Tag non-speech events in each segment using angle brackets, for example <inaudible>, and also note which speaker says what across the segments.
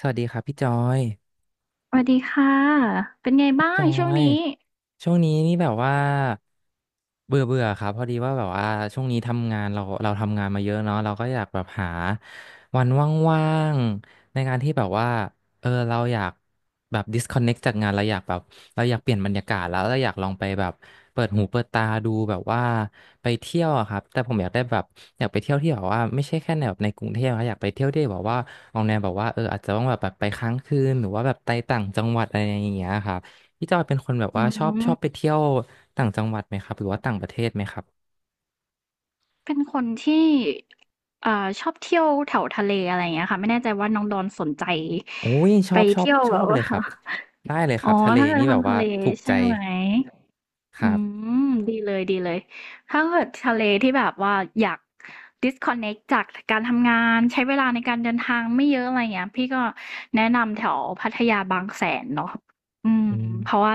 Speaker 1: สวัสดีครับพี่จอย
Speaker 2: สวัสดีค่ะเป็นไงบ้า
Speaker 1: จ
Speaker 2: ง
Speaker 1: อ
Speaker 2: ช่วง
Speaker 1: ย
Speaker 2: นี้
Speaker 1: ช่วงนี้นี่แบบว่าเบื่อเบื่อครับพอดีว่าแบบว่าช่วงนี้ทำงานเราทำงานมาเยอะเนาะเราก็อยากแบบหาวันว่างๆในการที่แบบว่าเราอยากแบบ disconnect จากงานเราอยากเปลี่ยนบรรยากาศแล้วเราอยากลองไปแบบเปิดหูเปิดตาดูแบบว่าไปเที่ยวอะครับแต่ผมอยากได้แบบอยากไปเที่ยวที่แบบว่าไม่ใช่แค่ในแบบในกรุงเทพนะอยากไปเที่ยวที่แบบว่าออกแนวแบบว่าอาจจะต้องแบบไปค้างคืนหรือว่าแบบไปต่างจังหวัดอะไรอย่างเงี้ยครับ พี่จอยเป็นคนแบบ
Speaker 2: อื
Speaker 1: ว่าชอบชอ
Speaker 2: ม
Speaker 1: บไปเที่ยวต่างจังหวัดไหมครับหรือว่าต่างประเทศไหมครับ
Speaker 2: เป็นคนที่เอ่อชอบเที่ยวแถวทะเลอะไรอย่างเงี้ยค่ะ ไม่แน่ใจว่าน้องดอนสนใจ
Speaker 1: อุ้ยช
Speaker 2: ไป
Speaker 1: อบชอบ
Speaker 2: เที่ยว
Speaker 1: ช
Speaker 2: แบ
Speaker 1: อ
Speaker 2: บ
Speaker 1: บเล
Speaker 2: ว่า
Speaker 1: ยครับได้เลย
Speaker 2: <laughs>
Speaker 1: ค
Speaker 2: อ๋
Speaker 1: รั
Speaker 2: อ
Speaker 1: บทะเล
Speaker 2: ถ้าเกิด
Speaker 1: นี่แบ
Speaker 2: ทาง
Speaker 1: บ
Speaker 2: ทะ
Speaker 1: ว่า
Speaker 2: เล
Speaker 1: ถูกใจ
Speaker 2: ใช่ไหม
Speaker 1: ครั
Speaker 2: อื
Speaker 1: บ
Speaker 2: มดีเลยดีเลยถ้าเกิดทะเลที่แบบว่าอยาก disconnect จากการทำงานใช้เวลาในการเดินทางไม่เยอะอะไรเงี้ยพี่ก็แนะนำแถวพัทยาบางแสนเนาะอืม
Speaker 1: อืม
Speaker 2: เพราะว่า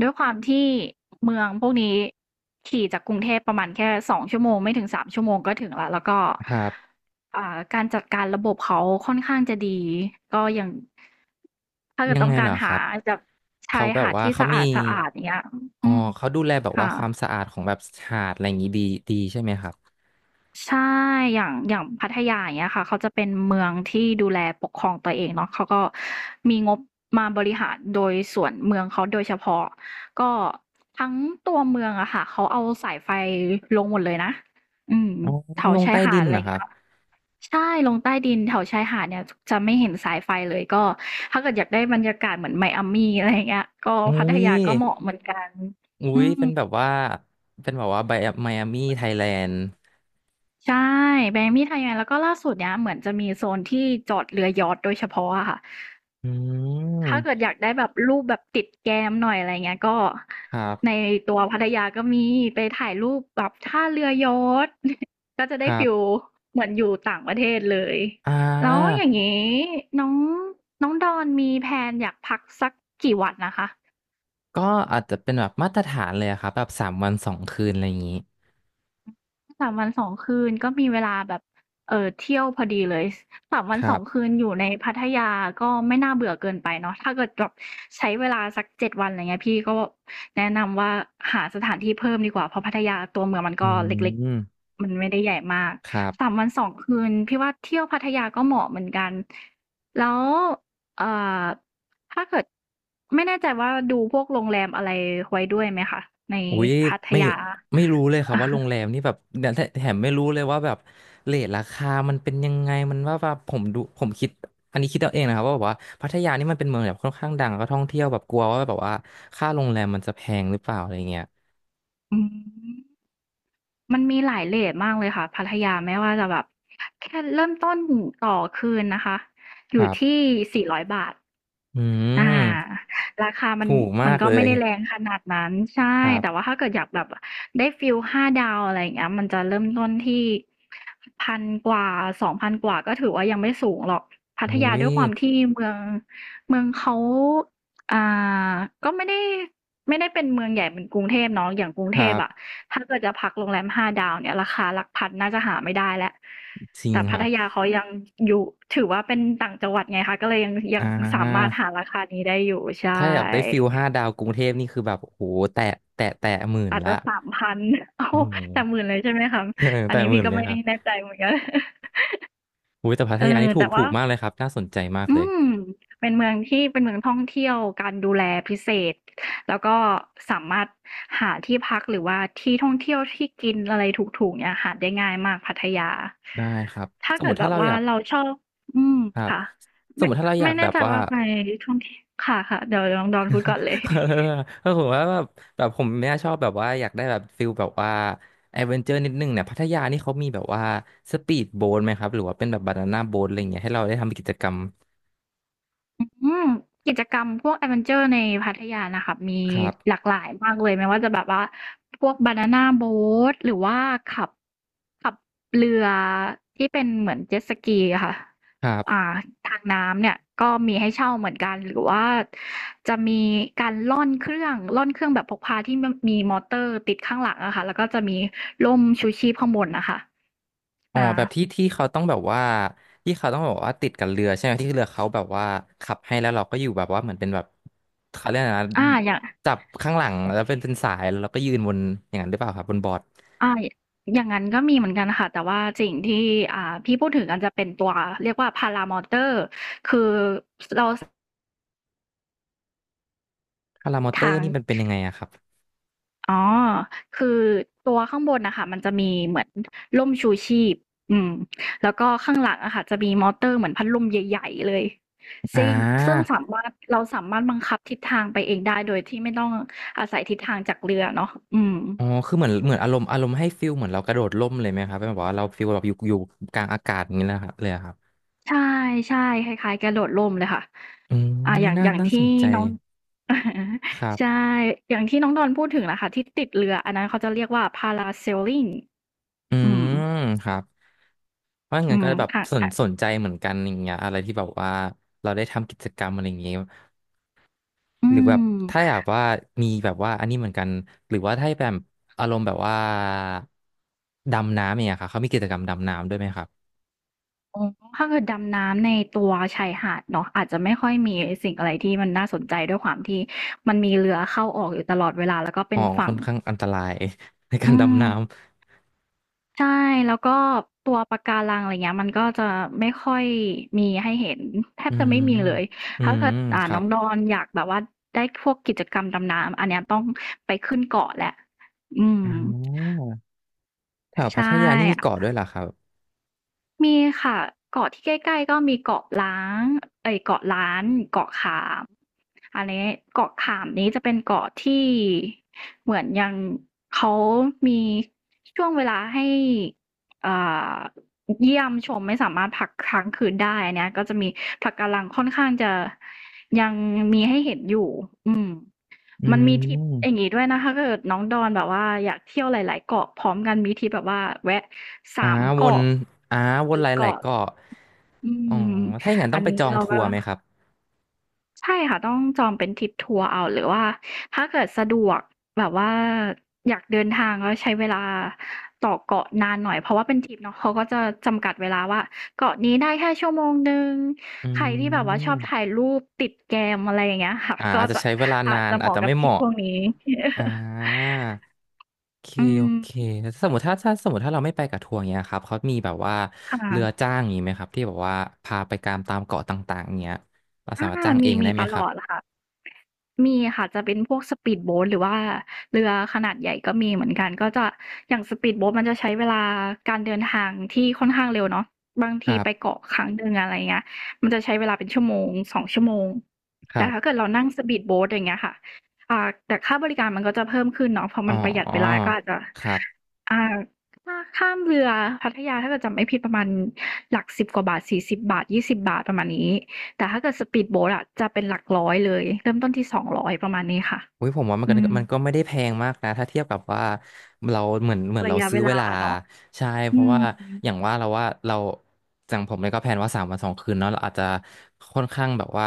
Speaker 2: ด้วยความที่เมืองพวกนี้ขี่จากกรุงเทพประมาณแค่2 ชั่วโมงไม่ถึง3 ชั่วโมงก็ถึงละแล้วก็
Speaker 1: ครับ
Speaker 2: การจัดการระบบเขาค่อนข้างจะดีก็อย่างถ้าเกิด
Speaker 1: ยัง
Speaker 2: ต้อ
Speaker 1: ไง
Speaker 2: ง
Speaker 1: เห
Speaker 2: กา
Speaker 1: ร
Speaker 2: ร
Speaker 1: อค
Speaker 2: หา
Speaker 1: รับ
Speaker 2: จากชา
Speaker 1: เขา
Speaker 2: ย
Speaker 1: แบบ
Speaker 2: หาด
Speaker 1: ว่า
Speaker 2: ที่
Speaker 1: เขา
Speaker 2: สะ
Speaker 1: มี
Speaker 2: อาดสะอาดอย่างเงี้ย
Speaker 1: อ๋อ
Speaker 2: อืม
Speaker 1: เขาดูแลแบบว่า
Speaker 2: ค่ะ
Speaker 1: ความสะอาดของแบบหาดอะไรอย่างงี้ดีดีใช่ไหมครับ
Speaker 2: ใช่อย่างพัทยาอย่างเงี้ยค่ะเขาจะเป็นเมืองที่ดูแลปกครองตัวเองเนาะเขาก็มีงบมาบริหารโดยส่วนเมืองเขาโดยเฉพาะก็ทั้งตัวเมืองอะค่ะเขาเอาสายไฟลงหมดเลยนะอืม
Speaker 1: อ๋อ
Speaker 2: แถว
Speaker 1: ลง
Speaker 2: ชาย
Speaker 1: ใต้
Speaker 2: หา
Speaker 1: ดิ
Speaker 2: ด
Speaker 1: น
Speaker 2: อะไร
Speaker 1: นะครั
Speaker 2: เงี้
Speaker 1: บ
Speaker 2: ยใช่ลงใต้ดินแถวชายหาดเนี่ยจะไม่เห็นสายไฟเลยก็ถ้าเกิดอยากได้บรรยากาศเหมือน Miami อะไรอย่างเงี้ยก็
Speaker 1: อุ้
Speaker 2: พัท
Speaker 1: ย
Speaker 2: ยาก็เหมาะเหมือนกัน
Speaker 1: อุ้
Speaker 2: อื
Speaker 1: ย
Speaker 2: ม
Speaker 1: เป็นแบบว่าเป็นแบบว่าไบไมอามี่ไทยแลนด์
Speaker 2: ใช่แบรนด์มีดไทยแลนด์แล้วก็ล่าสุดเนี้ยเหมือนจะมีโซนที่จอดเรือยอชต์โดยเฉพาะอะค่ะ
Speaker 1: อื
Speaker 2: ถ้าเกิด
Speaker 1: ม
Speaker 2: อยากได้แบบรูปแบบติดแกมหน่อยอะไรเงี้ยก็
Speaker 1: ครั
Speaker 2: ใน
Speaker 1: บ
Speaker 2: ตัวพัทยาก็มีไปถ่ายรูปแบบท่าเรือยอชต์ <laughs> ก็จะ
Speaker 1: ค
Speaker 2: ได้
Speaker 1: รับ
Speaker 2: ฟีลเหมือนอยู่ต่างประเทศเลย
Speaker 1: อ่
Speaker 2: แล้วอย่าง
Speaker 1: า
Speaker 2: งี้น้องน้องดอนมีแพลนอยากพักสักกี่วันนะคะ
Speaker 1: ก็อาจจะเป็นแบบมาตรฐานเลยอะครับแบบสามวันสองคืนอะไรอย่างนี้
Speaker 2: 3วัน2 คืนก็มีเวลาแบบเที่ยวพอดีเลย3วั
Speaker 1: ค
Speaker 2: นส
Speaker 1: รั
Speaker 2: อง
Speaker 1: บ
Speaker 2: คืนอยู่ในพัทยาก็ไม่น่าเบื่อเกินไปเนาะถ้าเกิดแบบใช้เวลาสัก7วันไรเงี้ยพี่ก็แนะนำว่าหาสถานที่เพิ่มดีกว่าเพราะพัทยาตัวเมืองมัน
Speaker 1: อื
Speaker 2: ก็เล็ก
Speaker 1: ม
Speaker 2: ๆมันไม่ได้ใหญ่มาก
Speaker 1: ครั
Speaker 2: 3
Speaker 1: บ
Speaker 2: วัน2คืนพี่ว่าเที่ยวพัทยาก็เหมาะเหมือนกันแล้วเอ่อถ้าเกิดไม่แน่ใจว่าดูพวกโรงแรมอะไรไว้ด้วยไหมคะใน
Speaker 1: อุ้ย
Speaker 2: พัท
Speaker 1: ไม่
Speaker 2: ยา
Speaker 1: ไม่รู้เลยครับว่าโรงแรมนี่แบบเนี่ยแถมไม่รู้เลยว่าแบบเรทราคามันเป็นยังไงมันว่าแบบผมดูผมคิดอันนี้คิดเอาเองนะครับว่าแบบว่าพัทยานี่มันเป็นเมืองแบบค่อนข้างดังแล้วก็ท่องเที่ยวแบบกลัวว่าแบบว่าค่าโรงแรมมันจะแพงหรือเปล่าอะไรเงี้ย
Speaker 2: อืม มันมีหลายเรตมากเลยค่ะพัทยาไม่ว่าจะแบบแค่เริ่มต้นต่อคืนนะคะอ
Speaker 1: ค
Speaker 2: ยู่
Speaker 1: รั
Speaker 2: ที่
Speaker 1: บ
Speaker 2: 400บาท
Speaker 1: อื
Speaker 2: อา
Speaker 1: ม
Speaker 2: ราคามัน
Speaker 1: ถูกมาก
Speaker 2: ก็
Speaker 1: เล
Speaker 2: ไม่
Speaker 1: ย
Speaker 2: ได้แรงขนาดนั้นใช่
Speaker 1: ครั
Speaker 2: แต่ว่า
Speaker 1: บ
Speaker 2: ถ้าเกิดอยากแบบได้ฟีลห้าดาวอะไรอย่างเงี้ยมันจะเริ่มต้นที่1,000กว่า2,000กว่าก็ถือว่ายังไม่สูงหรอกพัท
Speaker 1: อุ้
Speaker 2: ยา
Speaker 1: ย
Speaker 2: ด้วยความที่เมืองเขาอ่าก็ไม่ได้เป็นเมืองใหญ่เหมือนกรุงเทพเนาะอย่างกรุง
Speaker 1: ค
Speaker 2: เท
Speaker 1: รั
Speaker 2: พอะ
Speaker 1: บ
Speaker 2: ถ้าเกิดจะพักโรงแรมห้าดาวเนี่ยราคาหลักพันน่าจะหาไม่ได้แล้ว
Speaker 1: จริง
Speaker 2: แต่
Speaker 1: ค
Speaker 2: พั
Speaker 1: รั
Speaker 2: ท
Speaker 1: บ
Speaker 2: ยาเขายังอยู่ถือว่าเป็นต่างจังหวัดไงคะ ก็เลยยังยั
Speaker 1: อ่
Speaker 2: งสามาร
Speaker 1: า
Speaker 2: ถหาราคานี้ได้อยู่ใช่
Speaker 1: ถ้าอยากได้ฟิลห้าดาวกรุงเทพนี่คือแบบโอ้โหแตะแตะหมื่น
Speaker 2: อาจ
Speaker 1: ละ
Speaker 2: จะ3พัน <laughs> โอ้
Speaker 1: โอ้โห
Speaker 2: แต่หมื่นเลยใช่ไหมคะ
Speaker 1: <laughs>
Speaker 2: อัน
Speaker 1: แตะ
Speaker 2: นี้
Speaker 1: หมื่
Speaker 2: พี่
Speaker 1: น
Speaker 2: ก็
Speaker 1: เลย
Speaker 2: ไม่
Speaker 1: ครับ
Speaker 2: แน่ใจเหมือนกัน <laughs>
Speaker 1: โอ้ยแต่พัท
Speaker 2: เออ
Speaker 1: ยานี่ถู
Speaker 2: แต่
Speaker 1: กถู
Speaker 2: ว่า
Speaker 1: กมากเลยครับน่าสนใจมาก
Speaker 2: อื
Speaker 1: เลย
Speaker 2: มเป็นเมืองที่เป็นเมืองท่องเที่ยวการดูแลพิเศษแล้วก็สามารถหาที่พักหรือว่าที่ท่องเที่ยวที่กินอะไรถูกๆเนี่ยหาได้ง่ายมากพัทยา
Speaker 1: ได้ครับ
Speaker 2: ถ้า
Speaker 1: สมม
Speaker 2: เกิด
Speaker 1: ติ
Speaker 2: แบ
Speaker 1: ถ้า
Speaker 2: บ
Speaker 1: เราอ
Speaker 2: ว่า
Speaker 1: ยาก
Speaker 2: เราชอบอืม
Speaker 1: ครับ
Speaker 2: ค่ะ
Speaker 1: สม
Speaker 2: ไม่
Speaker 1: มติถ้าเราอยา
Speaker 2: ไม่
Speaker 1: ก
Speaker 2: แน่
Speaker 1: แบบ
Speaker 2: ใจ
Speaker 1: ว่า
Speaker 2: ว่าไปท่องเที่ยวค่ะค่ะเดี๋ยวลองดอนพูดก่อนเลย
Speaker 1: <laughs> ถ้าผมว่าแบบแบบผมเนี่ยชอบแบบว่าอยากได้แบบฟิลแบบว่าแอดเวนเจอร์นิดนึงเนี่ยพัทยานี่เขามีแบบว่าสปีดโบ๊ทไหมครับหรือว่าเป็นแบบบานาน่าโบ๊ทอะไรอย่างเงี้ยให้เราได้ทำกิจกรรม
Speaker 2: อืมกิจกรรมพวกแอดเวนเจอร์ในพัทยานะคะมี
Speaker 1: ครั
Speaker 2: ห
Speaker 1: บ
Speaker 2: ลากหลายมากเลยไม่ว่าจะแบบว่าพวกบานาน่าโบ๊ทหรือว่าขับ ขับเรือที่เป็นเหมือนเจ็ตสกีอะค่ะ
Speaker 1: ครั
Speaker 2: อ่า
Speaker 1: บ
Speaker 2: ทางน้ำเนี่ยก็มีให้เช่าเหมือนกันหรือว่าจะมีการล่อนเครื่องแบบพกพาที่มันมีมอเตอร์ติดข้างหลังอะค่ะแล้วก็จะมีร่มชูชีพข้างบนนะคะ
Speaker 1: อ๋อ
Speaker 2: อ่า
Speaker 1: แบบที่ที่เขาต้องแบบว่าที่เขาต้องแบบว่าติดกับเรือใช่ไหมที่เรือเขาแบบว่าขับให้แล้วเราก็อยู่แบบว่าเหมือนเป็นแบบเขาเรียกอะไรนะ
Speaker 2: อ่าอย่าง
Speaker 1: จับข้างหลังแล้วเป็นสายแล้วเราก็ยืนบนอย่างนั้นหรือเปล่าครับบนบอร์ด
Speaker 2: อ่าอย่างนั้นก็มีเหมือนกันค่ะแต่ว่าสิ่งที่อ่าพี่พูดถึงกันจะเป็นตัวเรียกว่าพารามอเตอร์คือเราส
Speaker 1: พารามอเตอ
Speaker 2: ทา
Speaker 1: ร์
Speaker 2: ง
Speaker 1: นี่มันเป็นยังไงอะครับ
Speaker 2: อ๋อ คือตัวข้างบนน่ะค่ะมันจะมีเหมือนร่มชูชีพ อืม แล้วก็ข้างหลังอะค่ะจะมีมอเตอร์เหมือนพัดลมใหญ่ๆเลย
Speaker 1: อ่
Speaker 2: ซิ่งซึ่ง
Speaker 1: า
Speaker 2: สามารถเราสามารถบังคับทิศทางไปเองได้โดยที่ไม่ต้องอาศัยทิศทางจากเรือเนาะอืม
Speaker 1: อ๋อคือเหมือนอารมณ์ให้ฟิลเหมือนเรากระโดดร่มเลยไหมครับเป็นแบบว่าเราฟิลแบบอยู่กลางอากาศอย่างนี้นะครับเลยอะครับ
Speaker 2: ใช่ๆคล้ายๆกระโดดร่มเลยค่ะ
Speaker 1: อืม
Speaker 2: อย่าง
Speaker 1: น่า
Speaker 2: อย่าง
Speaker 1: น่า
Speaker 2: ที่
Speaker 1: สนใจ
Speaker 2: น้อง <laughs> อะฮะ
Speaker 1: ครั
Speaker 2: ใช่
Speaker 1: บ
Speaker 2: อย่างที่น้องดอนพูดถึงน่ะค่ะที่ติดเรืออันนั้นเขาจะเรียกว่า Parasailing
Speaker 1: อื
Speaker 2: อืม
Speaker 1: มครับ เพราะ
Speaker 2: อื
Speaker 1: งั้นก็
Speaker 2: ม
Speaker 1: แบบ
Speaker 2: ค่ะ
Speaker 1: สนใจเหมือนกันอย่างเงี้ยอะไรที่แบบว่าเราได้ทำกิจกรรมอะไรอย่างเงี้ย
Speaker 2: ๆอื
Speaker 1: หรือแบบ
Speaker 2: ม
Speaker 1: ถ้าอยากว่ามีแบบว่าอันนี้เหมือนกันหรือว่าถ้าแบบอารมณ์แบบว่าดำน้ำอย่างเงี้ยค่ะเขามีกิจกรรมดำน้ำด้วยไหมครับ
Speaker 2: อ๋อถ้าเกิดดำน้ำในตัวชายหาดเนาะอาจจะไม่ค่อยมีสิ่งอะไรที่มันน่าสนใจด้วยความที่มันมีเรือเข้าออกอยู่ตลอดเวลาแล้วก็
Speaker 1: อ๋
Speaker 2: เป็
Speaker 1: อ
Speaker 2: น
Speaker 1: ค่
Speaker 2: ฝั่
Speaker 1: อ
Speaker 2: ง
Speaker 1: นข้างอันตราย <laughs> ในการ
Speaker 2: อื
Speaker 1: ดำ
Speaker 2: ม
Speaker 1: น้ำ
Speaker 2: ใช่แล้วก็ตัวปะการังอะไรเงี้ยมันก็จะไม่ค่อยมีให้เห็นแท
Speaker 1: อื
Speaker 2: บจะไม่
Speaker 1: ม
Speaker 2: มีเลย
Speaker 1: อื
Speaker 2: ถ้า
Speaker 1: ม
Speaker 2: เกิด
Speaker 1: ครั
Speaker 2: น้อ
Speaker 1: บ
Speaker 2: งดอนอยากแบบว่าได้พวกกิจกรรมดำน้ำอันเนี้ยต้องไปขึ้นเกาะแหละอืม
Speaker 1: อ่อแถวพั
Speaker 2: ใช่
Speaker 1: ทยานี่มีเกาะด้วยเหรอครับ
Speaker 2: มีค่ะเกาะที่ใกล้ๆก็มีเกาะล้านเกาะขามอันนี้เกาะขามนี้จะเป็นเกาะที่เหมือนยังเขามีช่วงเวลาให้อ่าเยี่ยมชมไม่สามารถพักค้างคืนได้อันเนี้ยก็จะมีปะการังค่อนข้างจะยังมีให้เห็นอยู่อืม
Speaker 1: อื
Speaker 2: มันมีทริปอ
Speaker 1: ม
Speaker 2: ย่างงี้ด้วยนะคะถ้าเกิดน้องดอนแบบว่าอยากเที่ยวหลายๆเกาะพร้อมกันมีทริปแบบว่าแวะสา
Speaker 1: อ่า
Speaker 2: ม
Speaker 1: วน
Speaker 2: เกาะ
Speaker 1: อ่าวน
Speaker 2: สี่
Speaker 1: หลาย
Speaker 2: เกาะ
Speaker 1: ๆเกาะ
Speaker 2: อื
Speaker 1: อ๋อ
Speaker 2: ม
Speaker 1: ถ้าอย่างนั้น
Speaker 2: อั
Speaker 1: ต้อง
Speaker 2: น
Speaker 1: ไป
Speaker 2: นี้
Speaker 1: จอง
Speaker 2: เรา
Speaker 1: ทั
Speaker 2: ก็
Speaker 1: วร์ไหมครับ
Speaker 2: ใช่ค่ะต้องจองเป็นทริปทัวร์เอาหรือว่าถ้าเกิดสะดวกแบบว่าอยากเดินทางแล้วใช้เวลาต่อเกาะนานหน่อยเพราะว่าเป็นทริปเนาะเขาก็จะจำกัดเวลาว่าเกาะนี้ได้แค่ชั่วโมงหนึ่ง
Speaker 1: อื
Speaker 2: ใครที่แบบว่าชอบถ่าย
Speaker 1: ม
Speaker 2: รูปติดแกมอะไรอย่างเงี้ยค่ะก็
Speaker 1: อาจจะ
Speaker 2: จะ
Speaker 1: ใช้เวลา
Speaker 2: อา
Speaker 1: นา
Speaker 2: จ
Speaker 1: น
Speaker 2: จะเห
Speaker 1: อาจ
Speaker 2: มาะ
Speaker 1: จะ
Speaker 2: กับ
Speaker 1: ไม่
Speaker 2: ท
Speaker 1: เห
Speaker 2: ริป
Speaker 1: มาะ
Speaker 2: พวกนี้
Speaker 1: อ่าโอเค
Speaker 2: อื
Speaker 1: โอเค
Speaker 2: ม
Speaker 1: แล้วสมมติถ้าเราไม่ไปกับทัวร์เงี้ยครับเขามีแบบว่าเรือ
Speaker 2: ค่ะ
Speaker 1: จ้างอย่างงี้ไหมครับที่แบบว่าพาไปตามตามเกาะต่างๆเงี้ยเราสา
Speaker 2: อา
Speaker 1: มารถจ้างเอ
Speaker 2: มี
Speaker 1: งได้
Speaker 2: มี
Speaker 1: ไหม
Speaker 2: ต
Speaker 1: ค
Speaker 2: ล
Speaker 1: รับ
Speaker 2: อดค่ะมีค่ะจะเป็นพวก speed boat หรือว่าเรือขนาดใหญ่ก็มีเหมือนกันก็จะอย่าง speed boat มันจะใช้เวลาการเดินทางที่ค่อนข้างเร็วเนาะบาง
Speaker 1: ค
Speaker 2: ที
Speaker 1: รั
Speaker 2: ไป
Speaker 1: บ
Speaker 2: เกาะครั้งหนึ่งอะไรเงี้ยมันจะใช้เวลาเป็นชั่วโมง2ชั่วโมง
Speaker 1: ค
Speaker 2: แต่
Speaker 1: รั
Speaker 2: ถ้า
Speaker 1: บ
Speaker 2: เกิดเรานั่ง speed boat อย่างเงี้ยค่ะอ่าแต่ค่าบริการมันก็จะเพิ่มขึ้นเนาะเพราะ
Speaker 1: อ๋
Speaker 2: มั
Speaker 1: อ
Speaker 2: นประหยัดเวลาก็อาจจะ
Speaker 1: ครับ
Speaker 2: อ่าถ้าข้ามเรือพัทยาถ้าเกิดจำไม่ผิดประมาณหลักสิบกว่าบาทสิบบาทยี่สิบบาทประมาณนี้ แต่ถ้าเกิดสปีดโบ๊ทอะจะเป็นหลักร้อยเลยเริ่มต้นที่200ประมาณนี้ค่ะ
Speaker 1: อุ้ยผมว่ามันก็
Speaker 2: อืม
Speaker 1: มันก็ไม่ได้แพงมากนะถ้าเทียบกับว่าเราเหมือน
Speaker 2: ระ
Speaker 1: เรา
Speaker 2: ยะเว
Speaker 1: ซื้อเว
Speaker 2: ลา
Speaker 1: ลา
Speaker 2: เนาะ
Speaker 1: ใช่เพ
Speaker 2: อื
Speaker 1: ราะ
Speaker 2: ม
Speaker 1: ว่าอย่างว่าเราอย่างผมเนี่ยก็แพลนว่าสามวันสองคืนเนาะเราอาจจะค่อนข้างแบบว่า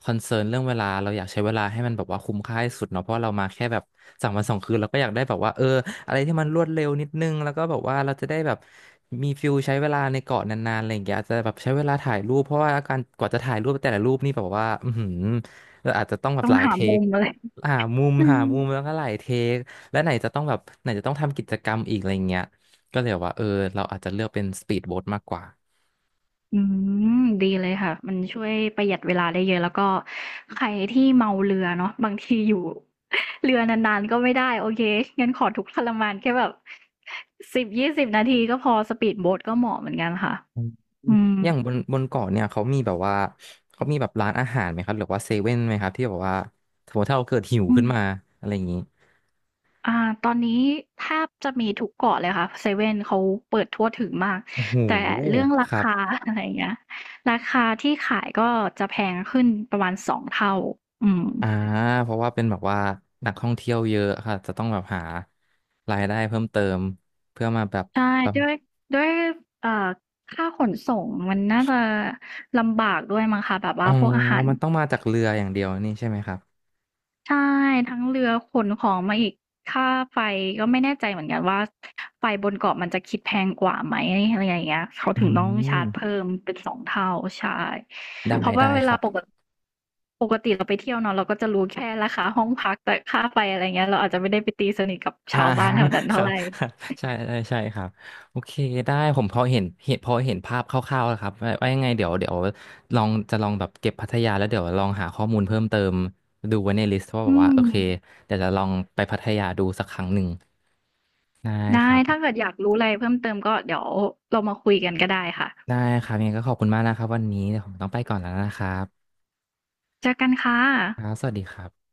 Speaker 1: คอนเซิร์นเรื่องเวลาเราอยากใช้เวลาให้มันแบบว่าคุ้มค่าที่สุดเนาะเพราะเรามาแค่แบบสามวันสองคืนเราก็อยากได้แบบว่าอะไรที่มันรวดเร็วนิดนึงแล้วก็แบบว่าเราจะได้แบบมีฟิลใช้เวลาในเกาะนานๆอะไรอย่างเงี้ยอาจจะแบบใช้เวลาถ่ายรูปเพราะว่าการกว่าจะถ่ายรูปแต่ละรูปนี่แบบว่าอือหือเราอาจจะต้องแบบ
Speaker 2: ต้อ
Speaker 1: ห
Speaker 2: ง
Speaker 1: ลาย
Speaker 2: หา
Speaker 1: เท
Speaker 2: มุ
Speaker 1: ค
Speaker 2: มอะไร
Speaker 1: หามุม
Speaker 2: อื
Speaker 1: หา
Speaker 2: ม
Speaker 1: มุมแล้วก็หลายเทคและไหนจะต้องแบบไหนจะต้องทำกิจกรรมอีกอะไรเงี้ยก็เลยแบบว่าเราอาจจะเลือกเป็นสปีดโบ๊ทมากกว่า
Speaker 2: อืมดีเลยค่ะมันช่วยประหยัดเวลาได้เยอะแล้วก็ใครที่เมาเรือเนาะบางทีอยู่เรือนานๆก็ไม่ได้โอเคงั้นขอทุกข์ทรมานแค่แบบ10-20นาทีก็พอสปีดโบ๊ทก็เหมาะเหมือนกันค่ะ
Speaker 1: อืม
Speaker 2: อืม
Speaker 1: อย่างบนเกาะเนี่ยเขามีแบบร้านอาหารไหมครับหรือว่าเซเว่นไหมครับที่แบบว่าสมมติถ้าเราเกิดหิว
Speaker 2: อื
Speaker 1: ขึ้
Speaker 2: ม
Speaker 1: นมาอะไรอย่างนี้
Speaker 2: อ่าตอนนี้แทบจะมีทุกเกาะเลยค่ะเซเว่นเขาเปิดทั่วถึงมาก
Speaker 1: โอ้โห
Speaker 2: แต่เรื่องรา
Speaker 1: ครับ
Speaker 2: คา <laughs> อะไรอย่างเงี้ยราคาที่ขายก็จะแพงขึ้นประมาณ2เท่าอืม
Speaker 1: อ่าเพราะว่าเป็นแบบว่านักท่องเที่ยวเยอะค่ะจะต้องแบบหารายได้เพิ่มเติมเพื่อมาแบบ
Speaker 2: ใช่
Speaker 1: แบบ
Speaker 2: ด้วยด้วยเอ่อค่าขนส่งมันน่าจะลำบากด้วยมั้งคะแบบ
Speaker 1: อ๋
Speaker 2: ว่า
Speaker 1: อ
Speaker 2: พวกอาหาร
Speaker 1: มันต้องมาจากเรืออย่างเดียวนี่ใช่ไหมครับ
Speaker 2: ใช่ทั้งเรือขนของมาอีกค่าไฟก็ไม่แน่ใจเหมือนกันว่าไฟบนเกาะมันจะคิดแพงกว่าไหมอะไรอย่างเงี้ยเขา
Speaker 1: อื
Speaker 2: ถึงต้องชา
Speaker 1: ม
Speaker 2: ร์จเพิ่มเป็น2เท่าใช่
Speaker 1: ได้
Speaker 2: เพราะว่า
Speaker 1: ได้
Speaker 2: เว
Speaker 1: ค
Speaker 2: ลา
Speaker 1: รับ
Speaker 2: ปกติเราไปเที่ยวเนาะเราก็จะรู้แค่ราคาห้องพักแต่ค่าไฟอะไรเงี้ยเราอาจจะไม่ได้ไปตีสนิทกับ
Speaker 1: อ่า
Speaker 2: ชาวบ้านแถวนั้น
Speaker 1: <laughs> ค
Speaker 2: เท่า
Speaker 1: รับ
Speaker 2: ไร
Speaker 1: ครับใช่ใช่ใช่ครับโอเคได้ผมพอเห็นภาพคร่าวๆแล้วครับว่ายังไงเดี๋ยวลองจะลองแบบเก็บพัทยา แล้วเดี๋ยวลองหาข้อมูลเพิ่มเติมดูไว้ในลิสต์ว่าแบ
Speaker 2: อื
Speaker 1: บว่า
Speaker 2: ม
Speaker 1: โอเคเดี๋ยวจะลองไปพัทยาดูสักครั้งหนึ่งได้ค
Speaker 2: ได้
Speaker 1: รับ
Speaker 2: ถ้าเกิดอยากรู้อะไรเพิ่มเติมก็เดี๋ยวเรามาคุยกันก็ได้ค่ะ
Speaker 1: ได้ครับยังไงก็ขอบคุณมากนะครับวันนี้เดี๋ยวผมต้องไปก่อนแล้วนะครับ
Speaker 2: เจอกันค่ะ
Speaker 1: ครับสวัสดีครับ